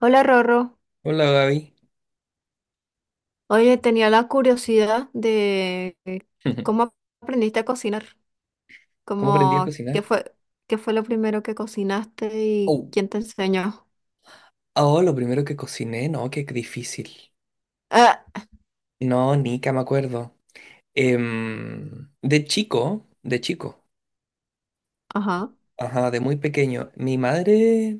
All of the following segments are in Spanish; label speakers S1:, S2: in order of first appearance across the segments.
S1: Hola Rorro,
S2: Hola Gaby,
S1: oye, tenía la curiosidad de cómo aprendiste a cocinar,
S2: ¿cómo aprendí a
S1: como
S2: cocinar?
S1: qué fue lo primero que cocinaste y
S2: Oh,
S1: quién te enseñó.
S2: oh, lo primero que cociné, no, qué difícil.
S1: Ah,
S2: No, Nica, me acuerdo. De chico, de chico,
S1: ajá,
S2: ajá, de muy pequeño, mi madre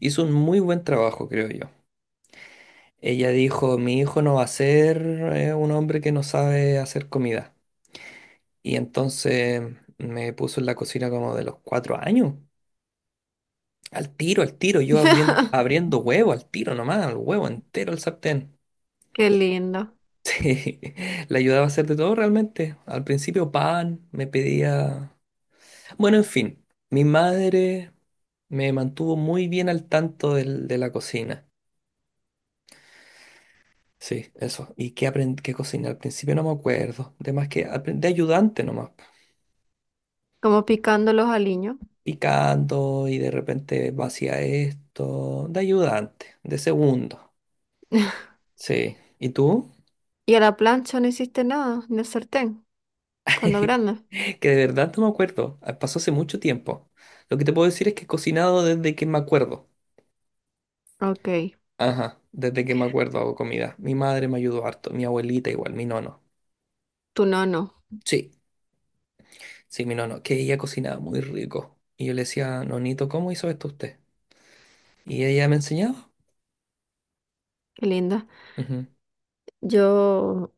S2: hizo un muy buen trabajo, creo yo. Ella dijo, mi hijo no va a ser un hombre que no sabe hacer comida. Y entonces me puso en la cocina como de los 4 años. Al tiro, yo abriendo, abriendo huevo, al tiro nomás, el huevo entero al sartén.
S1: qué lindo,
S2: Le ayudaba a hacer de todo realmente. Al principio pan, me pedía... Bueno, en fin, mi madre me mantuvo muy bien al tanto de la cocina. Sí, eso. ¿Y qué aprendí qué cociné? Al principio no me acuerdo. De más que aprendí de ayudante nomás.
S1: como picando los aliños.
S2: Picando y de repente vacía esto. De ayudante, de segundo. Sí. ¿Y tú?
S1: Y a la plancha no hiciste nada, ni el sartén, cuando grande.
S2: Que de verdad no me acuerdo. Ah, pasó hace mucho tiempo. Lo que te puedo decir es que he cocinado desde que me acuerdo.
S1: Ok,
S2: Ajá, desde que me acuerdo hago comida. Mi madre me ayudó harto, mi abuelita igual, mi nono.
S1: tú no, no,
S2: Sí, sí, mi nono, que ella cocinaba muy rico. Y yo le decía, Nonito, ¿cómo hizo esto usted? Y ella me enseñaba.
S1: qué linda.
S2: Ujú.
S1: Yo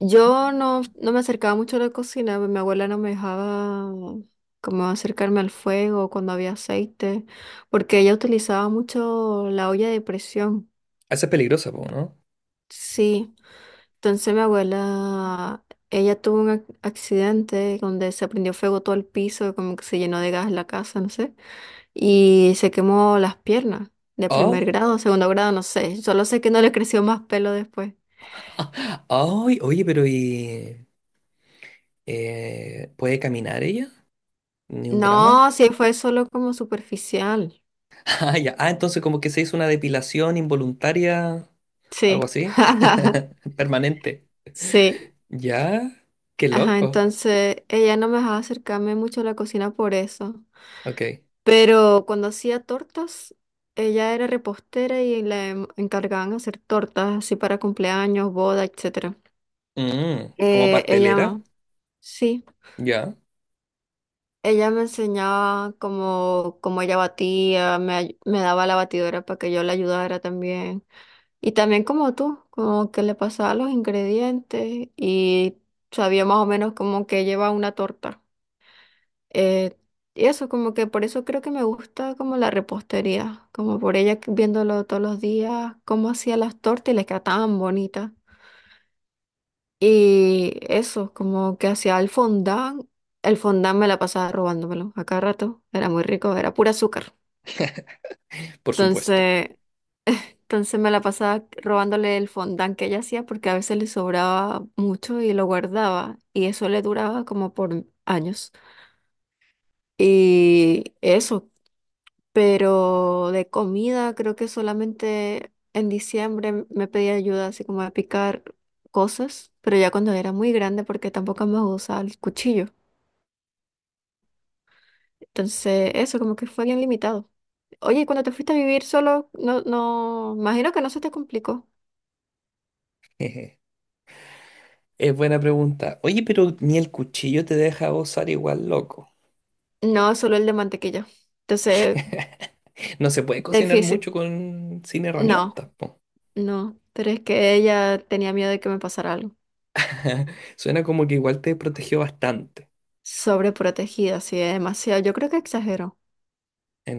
S1: Yo no me acercaba mucho a la cocina, mi abuela no me dejaba como acercarme al fuego cuando había aceite, porque ella utilizaba mucho la olla de presión.
S2: Esa es peligrosa, po, ¿no?
S1: Sí, entonces mi abuela, ella tuvo un accidente donde se prendió fuego todo el piso, como que se llenó de gas la casa, no sé, y se quemó las piernas de primer
S2: Oh,
S1: grado, segundo grado, no sé, solo sé que no le creció más pelo después.
S2: ay, oye, pero ¿y puede caminar ella? ¿Ni un drama?
S1: No, sí fue solo como superficial.
S2: Ah, ya. Ah, entonces como que se hizo una depilación involuntaria, algo
S1: Sí,
S2: así, permanente.
S1: sí.
S2: Ya, qué
S1: Ajá,
S2: loco.
S1: entonces ella no me dejaba acercarme mucho a la cocina por eso.
S2: Ok.
S1: Pero cuando hacía tortas, ella era repostera y le encargaban hacer tortas así para cumpleaños, boda, etcétera.
S2: Mm, como pastelera.
S1: Ella, sí,
S2: Ya,
S1: ella me enseñaba cómo ella batía, me daba la batidora para que yo la ayudara también. Y también como tú, como que le pasaba los ingredientes y sabía más o menos como que lleva una torta. Eh, y eso, como que por eso creo que me gusta como la repostería, como por ella viéndolo todos los días, cómo hacía las tortas y les quedaba tan bonita. Y eso, como que hacía el fondant me la pasaba robándomelo a cada rato, era muy rico, era pura azúcar.
S2: por supuesto.
S1: Entonces, Entonces me la pasaba robándole el fondant que ella hacía porque a veces le sobraba mucho y lo guardaba y eso le duraba como por años. Y eso, pero de comida creo que solamente en diciembre me pedía ayuda así como a picar cosas, pero ya cuando era muy grande porque tampoco me usaba el cuchillo. Entonces eso como que fue bien limitado. Oye, ¿y cuando te fuiste a vivir solo, no, no, imagino que no se te complicó?
S2: Jeje. Es buena pregunta. Oye, pero ni el cuchillo te deja gozar igual, loco.
S1: No, solo el de mantequilla. Entonces,
S2: No se puede cocinar
S1: difícil.
S2: mucho con sin
S1: No,
S2: herramientas, po.
S1: no. Pero es que ella tenía miedo de que me pasara algo.
S2: Suena como que igual te protegió bastante.
S1: Sobreprotegida, sí, demasiado. Yo creo que exageró.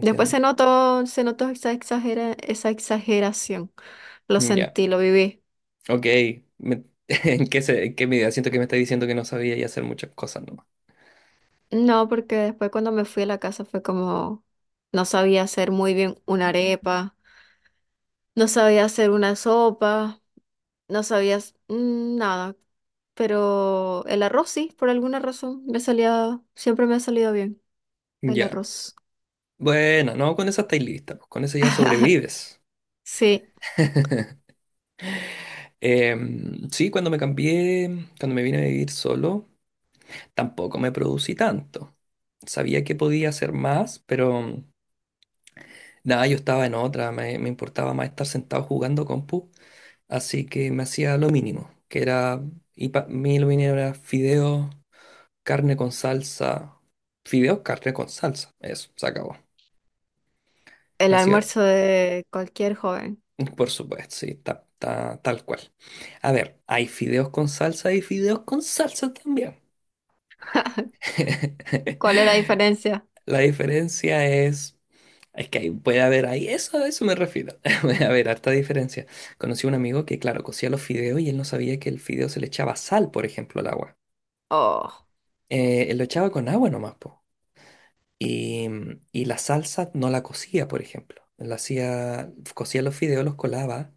S1: Después se notó esa esa exageración. Lo
S2: Ya,
S1: sentí, lo viví.
S2: ok. Me- ¿En qué, en qué medida? Siento que me está diciendo que no sabía y hacer muchas cosas nomás.
S1: No, porque después cuando me fui a la casa fue como no sabía hacer muy bien una arepa, no sabía hacer una sopa, no sabía nada. Pero el arroz sí, por alguna razón me salía, siempre me ha salido bien el
S2: Ya.
S1: arroz.
S2: Bueno, no, con esa estáis lista, pues, con eso ya sobrevives.
S1: Sí.
S2: Sí, cuando me cambié, cuando me vine a vivir solo. Tampoco me producí tanto. Sabía que podía hacer más, pero nada, yo estaba en otra, me importaba más estar sentado jugando compu, así que me hacía lo mínimo, que era, y para mí lo mínimo era fideos, carne con salsa, fideos, carne con salsa, eso, se acabó.
S1: El
S2: Me hacía,
S1: almuerzo de cualquier joven.
S2: por supuesto, sí, tal cual. A ver, hay fideos con salsa y fideos con salsa también.
S1: ¿Cuál es la diferencia?
S2: La diferencia es que ahí puede haber ahí, eso a eso me refiero, puede haber harta diferencia. Conocí a un amigo que, claro, cocía los fideos y él no sabía que el fideo se le echaba sal, por ejemplo, al agua.
S1: Oh,
S2: Él lo echaba con agua nomás, po. Y la salsa no la cocía, por ejemplo. La hacía, cocía los fideos, los colaba,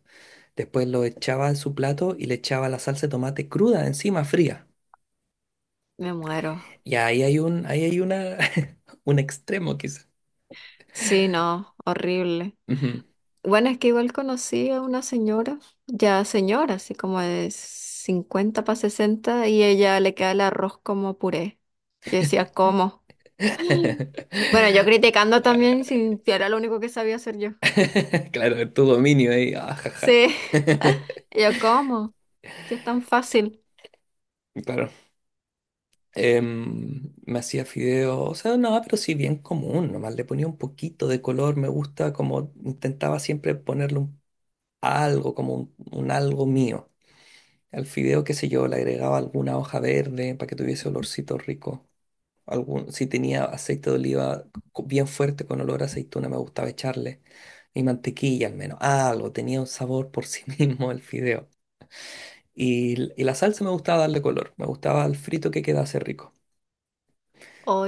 S2: después lo echaba en su plato y le echaba la salsa de tomate cruda encima, fría.
S1: me muero.
S2: Y ahí hay una, un extremo quizá.
S1: Sí, no, horrible.
S2: Ujú.
S1: Bueno, es que igual conocí a una señora, ya señora, así como de 50 para 60 y ella le queda el arroz como puré. Yo decía, ¿cómo? Bueno, yo criticando también si era lo único que sabía hacer yo.
S2: Claro, tu dominio ahí, ah, jaja.
S1: Sí, yo, ¿cómo? Si es tan fácil.
S2: Claro. Me hacía fideo, o sea, no, pero sí bien común, nomás le ponía un poquito de color, me gusta como intentaba siempre ponerle un algo, como un algo mío. Al fideo, qué sé yo, le agregaba alguna hoja verde para que tuviese olorcito rico. Algún, si tenía aceite de oliva bien fuerte con olor a aceituna, me gustaba echarle. Y mantequilla al menos, ah, algo, tenía un sabor por sí mismo el fideo. Y la salsa me gustaba darle color, me gustaba el frito que quedase rico.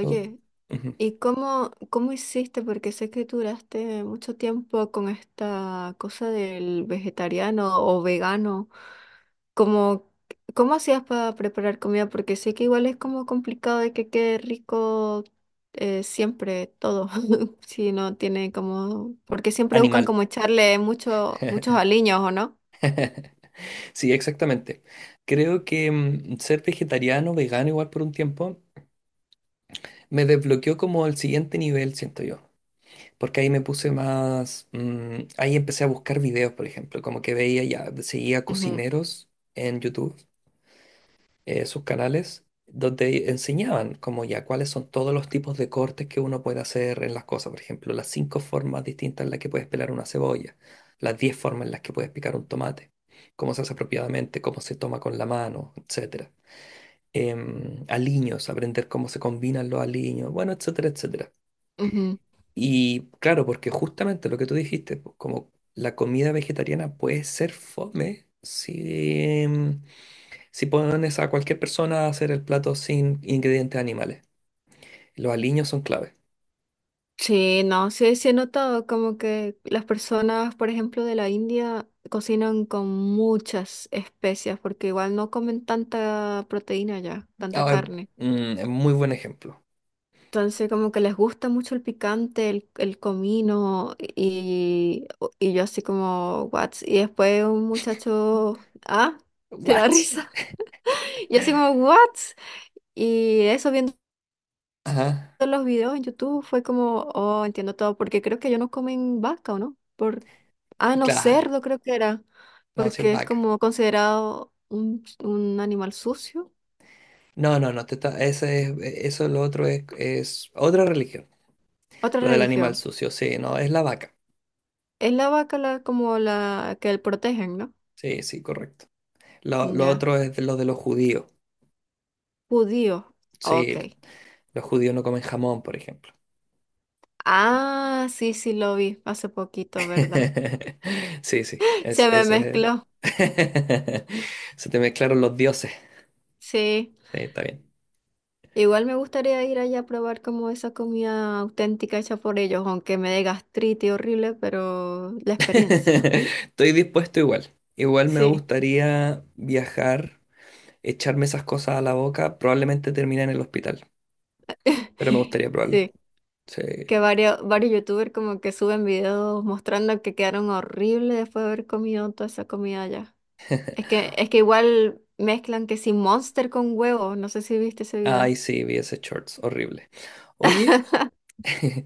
S2: Me gu- Ujú.
S1: ¿y cómo hiciste? Porque sé que duraste mucho tiempo con esta cosa del vegetariano o vegano. ¿Cómo, cómo hacías para preparar comida? Porque sé que igual es como complicado de que quede rico siempre todo. Si no tiene como... Porque siempre buscan
S2: Animal.
S1: como echarle mucho, muchos aliños, ¿o no?
S2: Sí, exactamente. Creo que ser vegetariano, vegano igual por un tiempo, me desbloqueó como el siguiente nivel, siento yo. Porque ahí me puse más, ahí empecé a buscar videos, por ejemplo, como que veía ya, seguía
S1: Ujú,
S2: cocineros en YouTube sus canales donde enseñaban como ya cuáles son todos los tipos de cortes que uno puede hacer en las cosas. Por ejemplo, las cinco formas distintas en las que puedes pelar una cebolla, las 10 formas en las que puedes picar un tomate, cómo se hace apropiadamente, cómo se toma con la mano, etcétera. Aliños, aprender cómo se combinan los aliños, bueno, etcétera, etcétera.
S1: ujú.
S2: Y claro, porque justamente lo que tú dijiste, pues, como la comida vegetariana puede ser fome si si pones a cualquier persona a hacer el plato sin ingredientes animales, los aliños son clave.
S1: Sí, no, sí, sí he notado como que las personas, por ejemplo, de la India cocinan con muchas especias porque igual no comen tanta proteína ya, tanta
S2: Ah, es,
S1: carne.
S2: mm, es muy buen ejemplo.
S1: Entonces como que les gusta mucho el picante, el comino y, yo así como, what? Y después un muchacho, ah, te da
S2: What?
S1: risa. Yo así como, what? Y eso viendo
S2: Ajá,
S1: los videos en YouTube fue como, oh, entiendo todo, porque creo que ellos no comen vaca, ¿o no? Por, ah, no,
S2: claro.
S1: cerdo creo que era,
S2: No, si es
S1: porque es
S2: vaca.
S1: como considerado un animal sucio.
S2: No, no, no, te está- ese es- eso lo otro es otra religión.
S1: Otra
S2: Lo del animal
S1: religión.
S2: sucio, sí, no, es la vaca.
S1: Es la vaca la, como la que protegen, ¿no?
S2: Sí, sí, correcto. Lo
S1: Ya.
S2: otro es de lo de los judíos.
S1: Judío. Ok.
S2: Sí, los judíos no comen jamón, por ejemplo.
S1: Ah, sí, sí, lo vi hace poquito, ¿verdad?
S2: Sí, sí, es,
S1: Se me
S2: ese
S1: mezcló.
S2: es. Se te mezclaron los dioses.
S1: Sí.
S2: Sí, está bien.
S1: Igual me gustaría ir allá a probar como esa comida auténtica hecha por ellos, aunque me dé gastritis horrible, pero la experiencia.
S2: Estoy dispuesto igual. Igual me
S1: Sí,
S2: gustaría viajar, echarme esas cosas a la boca, probablemente termine en el hospital, pero me gustaría probarlo.
S1: sí.
S2: Sí.
S1: Que varios, varios youtubers como que suben videos mostrando que quedaron horribles después de haber comido toda esa comida allá. Es que igual mezclan que si Monster con huevo, no sé si viste ese video.
S2: Ay, sí, vi ese shorts, horrible. Oye,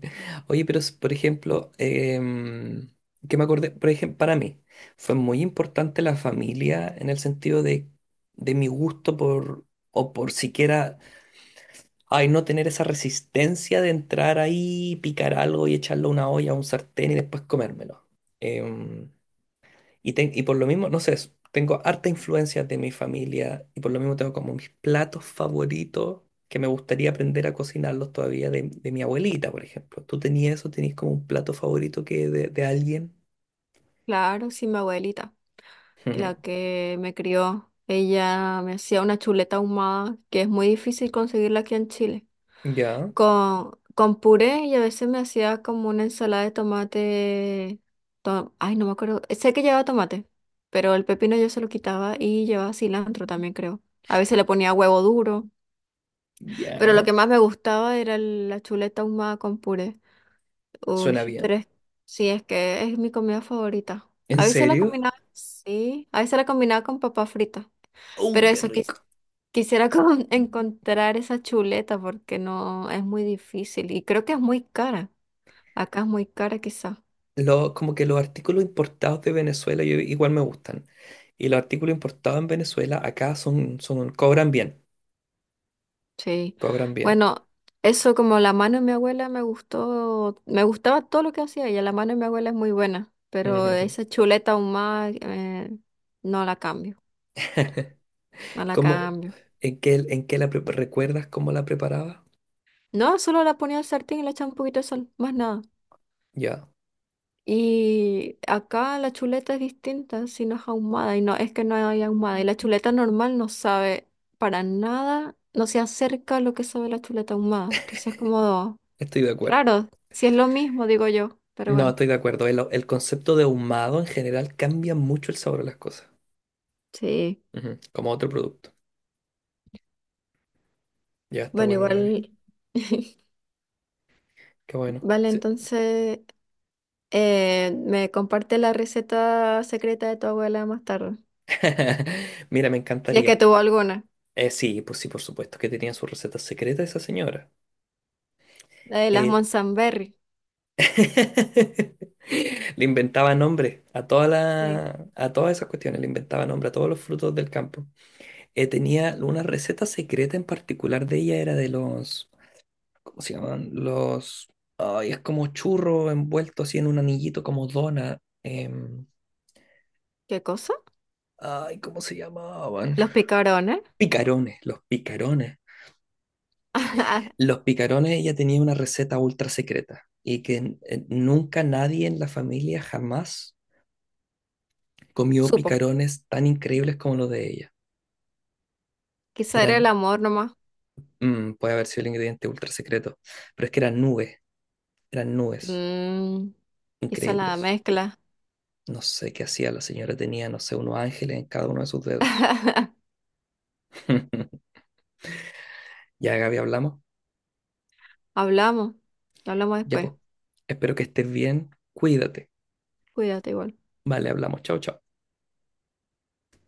S2: oye, pero por ejemplo, que me acordé, por ejemplo, para mí fue muy importante la familia en el sentido de mi gusto por, o por siquiera ay, no tener esa resistencia de entrar ahí, picar algo y echarlo a una olla, a un sartén y después comérmelo. Em, y por lo mismo, no sé, tengo harta influencia de mi familia y por lo mismo tengo como mis platos favoritos que me gustaría aprender a cocinarlos todavía de mi abuelita, por ejemplo. ¿Tú tenías eso? ¿Tenías como un plato favorito que de alguien?
S1: Claro, sí, mi abuelita,
S2: Ujú.
S1: la que me crió, ella me hacía una chuleta ahumada, que es muy difícil conseguirla aquí en Chile,
S2: Ya,
S1: con puré y a veces me hacía como una ensalada de tomate. Ay, no me acuerdo. Sé que llevaba tomate, pero el pepino yo se lo quitaba y llevaba cilantro también, creo. A veces le ponía huevo duro, pero lo
S2: ya,
S1: que más me gustaba era la chuleta ahumada con puré. Uy,
S2: suena bien.
S1: pero es, sí, es que es mi comida favorita.
S2: ¿En
S1: A veces la
S2: serio?
S1: combinaba, sí, a veces la combinaba con papa frita, pero
S2: ¡Uh, qué
S1: eso
S2: rico!
S1: quisiera como encontrar esa chuleta porque no es muy difícil y creo que es muy cara. Acá es muy cara quizá,
S2: Lo, como que los artículos importados de Venezuela yo, igual me gustan. Y los artículos importados en Venezuela acá son, son, cobran bien,
S1: sí.
S2: cobran bien.
S1: Bueno, eso como la mano de mi abuela me gustó, me gustaba todo lo que hacía ella, la mano de mi abuela es muy buena, pero
S2: Ujú.
S1: esa chuleta ahumada no la cambio, no la
S2: ¿Cómo,
S1: cambio.
S2: en qué la recuerdas cómo la preparaba?
S1: No, solo la ponía al sartén y le echaba un poquito de sal, más nada.
S2: Ya,
S1: Y acá la chuleta es distinta, si no es ahumada, y no, es que no hay ahumada. Y la chuleta normal no sabe para nada, no se acerca a lo que sabe la chuleta ahumada. Entonces es como
S2: estoy de acuerdo.
S1: raro, si es lo mismo, digo yo, pero
S2: No,
S1: bueno.
S2: estoy de acuerdo. El concepto de ahumado en general cambia mucho el sabor de las cosas.
S1: Sí.
S2: Ujú, como otro producto. Ya está
S1: Bueno,
S2: bueno, bebé.
S1: igual,
S2: Qué bueno.
S1: vale,
S2: Sí.
S1: entonces me comparte la receta secreta de tu abuela más tarde.
S2: Mira, me
S1: Si es que
S2: encantaría.
S1: tuvo alguna.
S2: Sí, pues sí, por supuesto que tenía su receta secreta esa señora.
S1: La de las
S2: Eh,
S1: Monsanberry.
S2: Le inventaba nombre a
S1: Sí.
S2: a todas esas cuestiones, le inventaba nombre a todos los frutos del campo. Tenía una receta secreta en particular de ella, era de los, ¿cómo se llaman? Los, ay, es como churro envuelto así en un anillito como dona.
S1: ¿Qué cosa?
S2: Ay, ¿cómo se llamaban?
S1: Los picarones.
S2: Picarones, los picarones.
S1: Ah,
S2: Los picarones, ella tenía una receta ultra secreta y que nunca nadie en la familia jamás comió
S1: supo.
S2: picarones tan increíbles como los de ella.
S1: Quizá era el
S2: Eran,
S1: amor nomás.
S2: puede haber sido el ingrediente ultra secreto, pero es que eran nubes
S1: Mm, quizá la
S2: increíbles.
S1: mezcla.
S2: No sé qué hacía la señora, tenía, no sé, unos ángeles en cada uno de sus dedos. Ya, Gaby, hablamos.
S1: Hablamos. Hablamos
S2: Ya,
S1: después.
S2: pues. Espero que estés bien. Cuídate.
S1: Cuídate igual.
S2: Vale, hablamos. Chao, chao.